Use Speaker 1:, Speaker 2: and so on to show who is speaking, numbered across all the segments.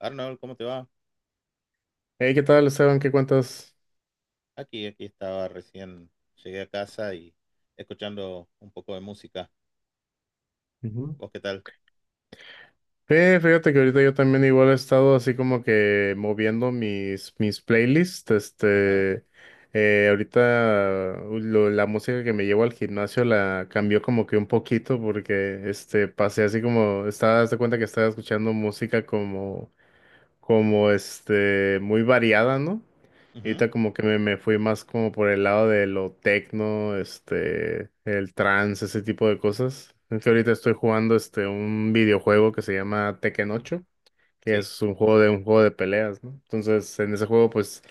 Speaker 1: Arnold, ¿cómo te va?
Speaker 2: Hey, ¿qué tal, Esteban? ¿Qué cuentas?
Speaker 1: Aquí estaba recién, llegué a casa y escuchando un poco de música.
Speaker 2: Ujú.
Speaker 1: ¿Vos qué tal?
Speaker 2: Fíjate que ahorita yo también igual he estado así como que moviendo mis playlists.
Speaker 1: Ajá.
Speaker 2: Este, ahorita la música que me llevo al gimnasio la cambió como que un poquito porque este, pasé así como, estaba, haz de cuenta que estaba escuchando música como este, muy variada, ¿no?
Speaker 1: Ujú.
Speaker 2: Ahorita como que me fui más como por el lado de lo tecno, este, el trance, ese tipo de cosas. Es que ahorita estoy jugando este un videojuego que se llama Tekken 8, que
Speaker 1: Sí.
Speaker 2: es un juego de peleas, ¿no? Entonces, en ese juego pues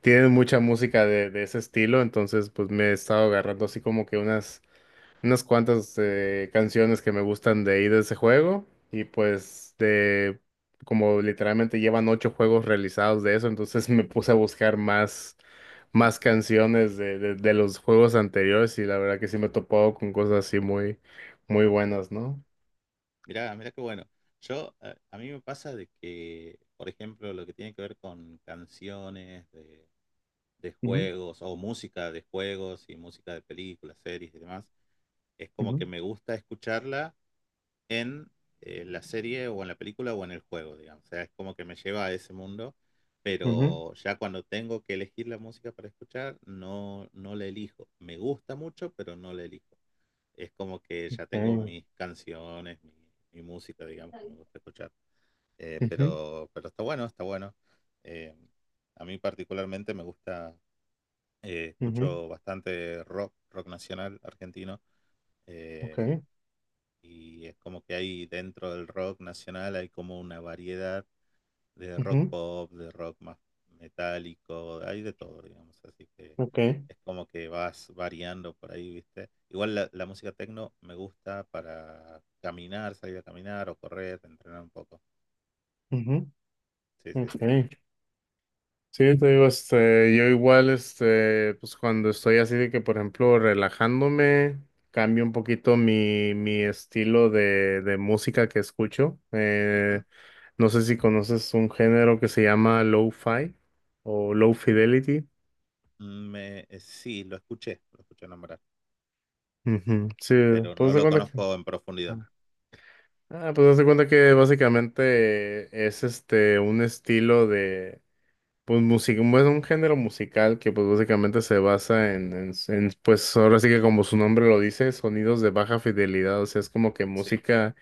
Speaker 2: tienen mucha música de ese estilo, entonces pues me he estado agarrando así como que unas cuantas canciones que me gustan de ahí de ese juego y pues de como literalmente llevan ocho juegos realizados de eso, entonces me puse a buscar más, más canciones de los juegos anteriores y la verdad que sí me he topado con cosas así muy, muy buenas, ¿no?
Speaker 1: Mirá, mirá qué bueno. Yo, a mí me pasa de que, por ejemplo, lo que tiene que ver con canciones de
Speaker 2: Ujú.
Speaker 1: juegos o música de juegos y música de películas, series y demás, es como
Speaker 2: Ujú.
Speaker 1: que me gusta escucharla, en la serie o en la película o en el juego, digamos. O sea, es como que me lleva a ese mundo,
Speaker 2: Ujú.
Speaker 1: pero ya cuando tengo que elegir la música para escuchar, no, no la elijo. Me gusta mucho, pero no la elijo. Es como que ya tengo
Speaker 2: eh,
Speaker 1: mis canciones, mi música, digamos, que me gusta escuchar.
Speaker 2: Ujú.
Speaker 1: Pero está bueno, está bueno. Eh, a mí particularmente me gusta,
Speaker 2: Ujú.
Speaker 1: escucho bastante rock, rock nacional argentino.
Speaker 2: Ok.
Speaker 1: Eh, y es como que hay dentro del rock nacional, hay como una variedad de rock
Speaker 2: Ujú.
Speaker 1: pop, de rock más metálico, hay de todo, digamos. Así que
Speaker 2: Ok.
Speaker 1: es como que vas variando por ahí, ¿viste? Igual la música techno me gusta para caminar, salir a caminar o correr, entrenar un poco.
Speaker 2: Ujú.
Speaker 1: Sí, sí, sí.
Speaker 2: Ok. Sí, te digo, este, yo igual, este, pues cuando estoy así de que, por ejemplo, relajándome, cambio un poquito mi estilo de música que escucho.
Speaker 1: Ujú.
Speaker 2: No sé si conoces un género que se llama lo-fi o low fidelity.
Speaker 1: Me, sí, lo escuché nombrar,
Speaker 2: Ujú. Sí,
Speaker 1: pero no
Speaker 2: pues de
Speaker 1: lo
Speaker 2: cuenta que,
Speaker 1: conozco en profundidad.
Speaker 2: ah, ah, pues haz de cuenta que básicamente es este un estilo de pues música, es un género musical que pues básicamente se basa en, pues ahora sí que como su nombre lo dice, sonidos de baja fidelidad, o sea, es como que
Speaker 1: Sí.
Speaker 2: música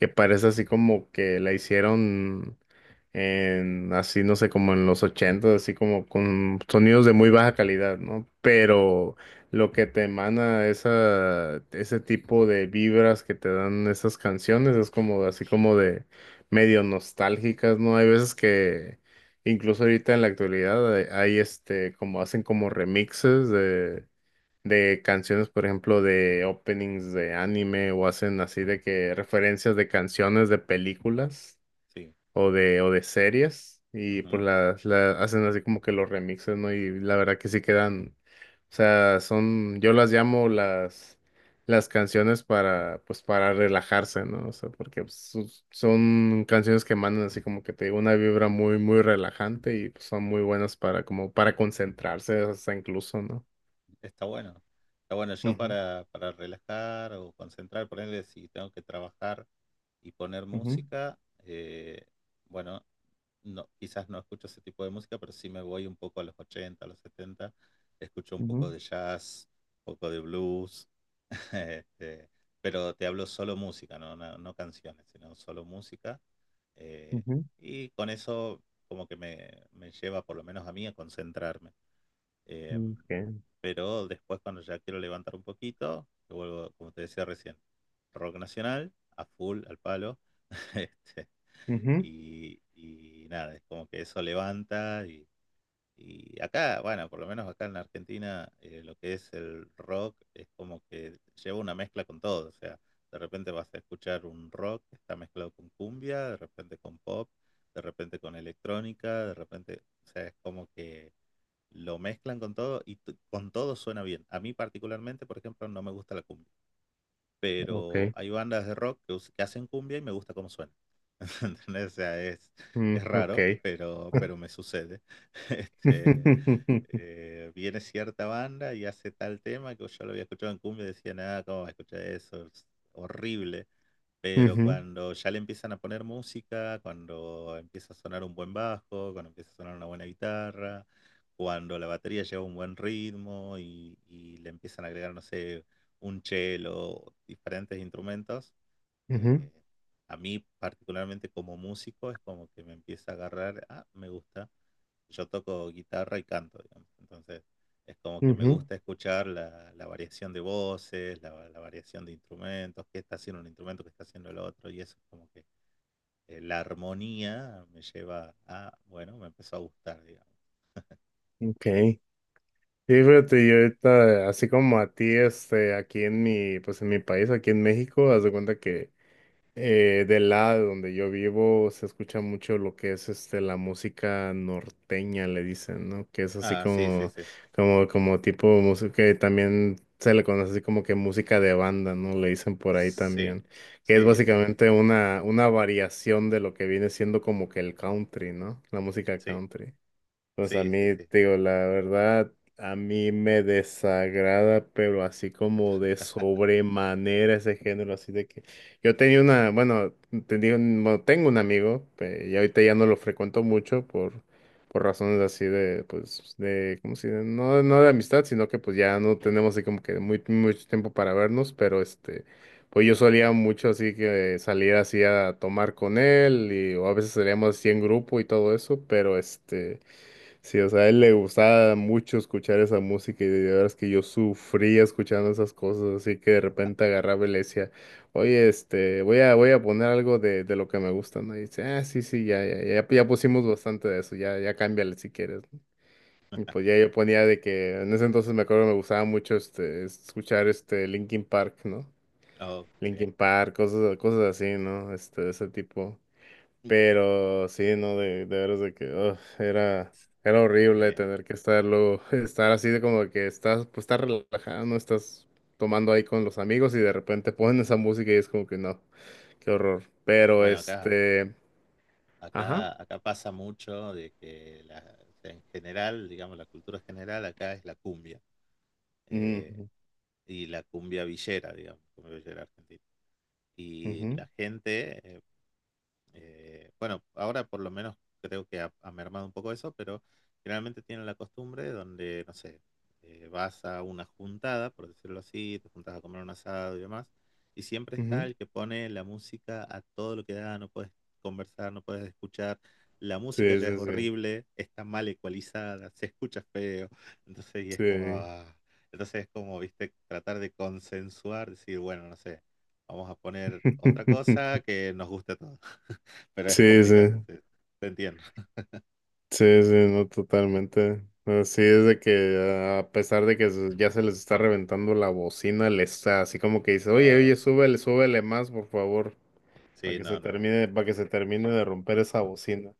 Speaker 2: que parece así como que la hicieron en, así no sé, como en los ochentas, así como con sonidos de muy baja calidad, ¿no?
Speaker 1: Ujú.
Speaker 2: Pero lo que te emana esa, ese tipo de vibras que te dan esas canciones es como así como de medio nostálgicas, ¿no? Hay veces que incluso ahorita en la actualidad hay, este, como hacen como remixes de canciones, por ejemplo, de openings de anime o hacen así de
Speaker 1: Sí.
Speaker 2: que referencias de canciones de películas
Speaker 1: Sí.
Speaker 2: o o de series y pues las hacen así como que los remixes, ¿no? Y la verdad que sí quedan, o sea, son, yo las llamo las canciones para, pues para relajarse, ¿no? O sea, porque pues, son canciones que mandan así como que te digo una vibra muy, muy relajante y pues, son muy buenas para como para concentrarse hasta incluso, ¿no?
Speaker 1: Está bueno. Está bueno, yo
Speaker 2: Ujú.
Speaker 1: para relajar o concentrar, ponerle si tengo que trabajar y poner
Speaker 2: Ujú.
Speaker 1: música, eh, bueno, no, quizás no escucho ese tipo de música, pero sí me voy un poco a los 80 a los setenta, escucho un poco
Speaker 2: Ujú.
Speaker 1: de jazz, un poco de blues, este, pero te hablo solo música, no, no, no canciones, sino solo música. eh,
Speaker 2: Ujú.
Speaker 1: y con eso como que me lleva, por lo menos a mí, a concentrarme. Eh,
Speaker 2: Okay.
Speaker 1: pero después cuando ya quiero levantar un poquito, yo vuelvo, como te decía recién, rock nacional, a full, al palo. Este,
Speaker 2: Ujú.
Speaker 1: y nada, es como que eso levanta y acá, bueno, por lo menos acá en la Argentina, lo que es el rock es como que lleva una mezcla con todo. O sea, de repente vas a escuchar un rock que está mezclado con cumbia, de repente con pop, de repente con electrónica, de repente, o sea, es como que lo mezclan con todo y con todo suena bien. A mí particularmente, por ejemplo, no me gusta la cumbia, pero
Speaker 2: Okay.
Speaker 1: hay bandas de rock que, que hacen cumbia y me gusta cómo suena. ¿Entendés? O sea,
Speaker 2: Mm,
Speaker 1: es
Speaker 2: ok.
Speaker 1: raro, pero me sucede. Este, viene cierta banda y hace tal tema que yo lo había escuchado en cumbia y decía, nada, ¿cómo va a escuchar eso? Es horrible. Pero
Speaker 2: Ujú.
Speaker 1: cuando ya le empiezan a poner música, cuando empieza a sonar un buen bajo, cuando empieza a sonar una buena guitarra, cuando la batería lleva un buen ritmo y le empiezan a agregar, no sé, un cello, diferentes instrumentos,
Speaker 2: Ujú.
Speaker 1: eh, a mí particularmente como músico es como que me empieza a agarrar, ah, me gusta, yo toco guitarra y canto, digamos. Entonces es como que me
Speaker 2: Ujú.
Speaker 1: gusta escuchar la variación de voces, la variación de instrumentos, qué está haciendo un instrumento, qué está haciendo el otro, y eso es como que la armonía me lleva a, bueno, me empezó a gustar, digamos.
Speaker 2: Ok. Sí, fíjate, yo ahorita, así como a ti, este, aquí en mi, pues en mi país, aquí en México, haz de cuenta que del lado donde yo vivo se escucha mucho lo que es este la música norteña, le dicen, ¿no? Que es así
Speaker 1: Ah, sí, sí,
Speaker 2: como,
Speaker 1: sí.
Speaker 2: como tipo música que también se le conoce así como que música de banda, ¿no? Le dicen por ahí
Speaker 1: Sí,
Speaker 2: también. Que es
Speaker 1: sí, sí, sí.
Speaker 2: básicamente una variación de lo que viene siendo como que el country, ¿no? La música
Speaker 1: Sí,
Speaker 2: country. Pues a
Speaker 1: sí, sí,
Speaker 2: mí,
Speaker 1: sí.
Speaker 2: te digo, la verdad, a mí me desagrada, pero así como de sobremanera ese género, así de que yo tenía una, bueno, tenía un- bueno, tengo un amigo, y ahorita ya no lo frecuento mucho por, razones así de, pues, de, ¿cómo se dice? No, no de amistad, sino que pues ya no tenemos así como que muy, mucho tiempo para vernos, pero este, pues yo solía mucho así que salir así a tomar con él, y o a veces salíamos así en grupo y todo eso, pero este... Sí, o sea, a él le gustaba mucho escuchar esa música y de verdad es que yo sufría escuchando esas cosas, así que de repente agarraba y le decía, oye, este, voy a poner algo de lo que me gusta, ¿no? Y dice, ah, sí, sí, ya, ya, ya, ya pusimos bastante de eso, ya, ya cámbiale si quieres, ¿no? Y pues ya yo ponía de que, en ese entonces me acuerdo que me gustaba mucho este, escuchar este Linkin Park, ¿no?
Speaker 1: Oh, sí.
Speaker 2: Linkin Park, cosas, cosas así, ¿no? Este, de ese tipo. Pero sí, no, de veras de que ugh, era horrible
Speaker 1: Bien.
Speaker 2: tener que estar luego, estar así de como que estás, pues estás relajado, no estás tomando ahí con los amigos y de repente ponen esa música y es como que no, qué horror. Pero
Speaker 1: Bueno, acá,
Speaker 2: este, ajá.
Speaker 1: Acá pasa mucho de que en general, digamos, la cultura general acá es la cumbia, eh,
Speaker 2: Ujú.
Speaker 1: y la cumbia villera, digamos, cumbia villera argentina. Y
Speaker 2: Ujú.
Speaker 1: la gente, bueno, ahora por lo menos creo que ha, ha mermado un poco eso, pero generalmente tienen la costumbre donde, no sé, vas a una juntada, por decirlo así, te juntas a comer un asado y demás, y siempre está
Speaker 2: Ujú.
Speaker 1: el que pone la música a todo lo que da, no puedes conversar, no puedes escuchar, la música
Speaker 2: Sí,
Speaker 1: ya es
Speaker 2: sí, sí.
Speaker 1: horrible, está mal ecualizada, se escucha feo, entonces y es como,
Speaker 2: Sí.
Speaker 1: ah, entonces es como, viste, tratar de consensuar, decir, bueno, no sé, vamos a poner otra cosa que nos guste a todos. Pero es
Speaker 2: Sí, sí.
Speaker 1: complicado, sí, te entiendo.
Speaker 2: Sí, sí, no, totalmente. Así es de que ah, a pesar de que ya se les está reventando la bocina, les está así como que dice, oye,
Speaker 1: Ah,
Speaker 2: oye, súbele, súbele más, por favor, para
Speaker 1: sí,
Speaker 2: que se
Speaker 1: no, no, no,
Speaker 2: termine, para que se termine de romper esa bocina.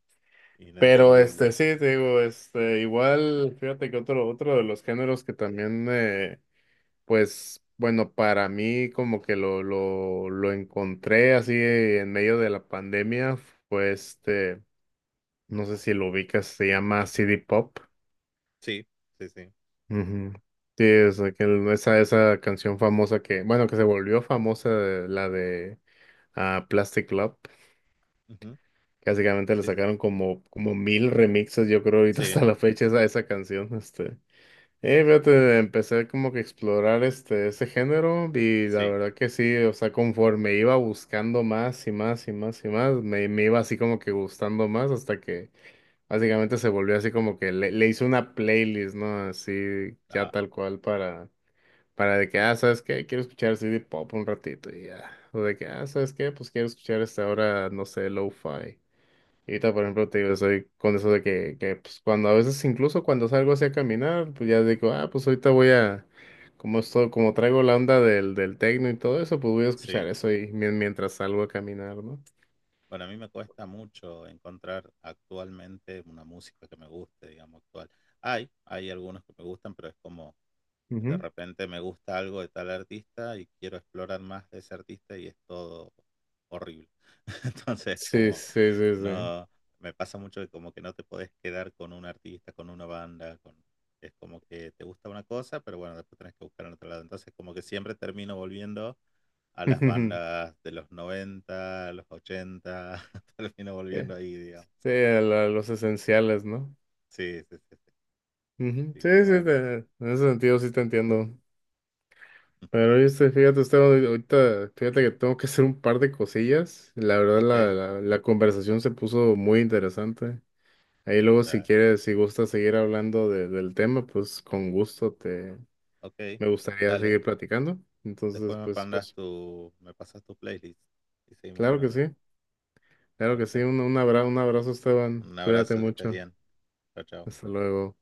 Speaker 2: Pero
Speaker 1: inentendible.
Speaker 2: este, sí, te digo, este, igual, fíjate que otro, otro de los géneros que también, pues, bueno, para mí como que lo encontré así en medio de la pandemia, fue este, no sé si lo ubicas, se llama CD Pop.
Speaker 1: Sí, sí, sí.
Speaker 2: Ujú. Sí, es aquel- esa canción famosa que, bueno, que se volvió famosa, la de ah, Plastic Love.
Speaker 1: Ujú,
Speaker 2: Que básicamente le
Speaker 1: sí, sí,
Speaker 2: sacaron como, como mil remixes, yo creo, ahorita
Speaker 1: sí,
Speaker 2: hasta la fecha, esa canción. Este. Fíjate, empecé como que a explorar este, ese género y la
Speaker 1: sí,
Speaker 2: verdad que sí, o sea, conforme iba buscando más y más y más y más, me iba así como que gustando más hasta que básicamente se volvió así como que le hice una playlist, ¿no? Así ya
Speaker 1: ah,
Speaker 2: tal cual para de que, ah, ¿sabes qué? Quiero escuchar CD pop un ratito y ya. O de que, ah, ¿sabes qué? Pues quiero escuchar hasta ahora, no sé, lo-fi. Y ahorita, por ejemplo, te digo, soy con eso de que, pues cuando a veces, incluso cuando salgo así a caminar, pues ya digo, ah, pues ahorita voy a, como esto, como traigo la onda del techno y todo eso, pues voy a
Speaker 1: sí.
Speaker 2: escuchar eso y mientras salgo a caminar, ¿no?
Speaker 1: Bueno, a mí me cuesta mucho encontrar actualmente una música que me guste, digamos, actual. Hay algunos que me gustan, pero es como... De
Speaker 2: Ujú.
Speaker 1: repente me gusta algo de tal artista y quiero explorar más de ese artista y es todo horrible. Entonces,
Speaker 2: Sí,
Speaker 1: como
Speaker 2: sí, sí, sí.
Speaker 1: no, me pasa mucho que como que no te podés quedar con un artista, con una banda, con, es como que te gusta una cosa, pero bueno, después tenés que buscar en otro lado. Entonces, como que siempre termino volviendo a las bandas de los 90 los ochenta, termino
Speaker 2: Sí,
Speaker 1: volviendo ahí, digamos.
Speaker 2: sí, a la- los esenciales, ¿no?
Speaker 1: Sí, sí, sí. Sí.
Speaker 2: Ujú.
Speaker 1: Así
Speaker 2: Sí,
Speaker 1: que
Speaker 2: sí,
Speaker 1: bueno.
Speaker 2: te- en ese sentido sí te entiendo. Pero este, fíjate, Esteban, ahorita, fíjate que tengo que hacer un par de cosillas. La verdad,
Speaker 1: Ok,
Speaker 2: la conversación se puso muy interesante. Ahí luego, si
Speaker 1: dale.
Speaker 2: quieres, si gustas seguir hablando del tema, pues con gusto te,
Speaker 1: Ok,
Speaker 2: me gustaría
Speaker 1: dale.
Speaker 2: seguir platicando. Entonces,
Speaker 1: Después me mandas tu, me pasas tu playlist y seguimos
Speaker 2: claro que
Speaker 1: hablando.
Speaker 2: sí,
Speaker 1: ¿Te
Speaker 2: claro que sí.
Speaker 1: parece?
Speaker 2: Un abrazo, un abrazo, Esteban.
Speaker 1: Un
Speaker 2: Cuídate
Speaker 1: abrazo, que estés
Speaker 2: mucho.
Speaker 1: bien. Chao, chao.
Speaker 2: Hasta luego.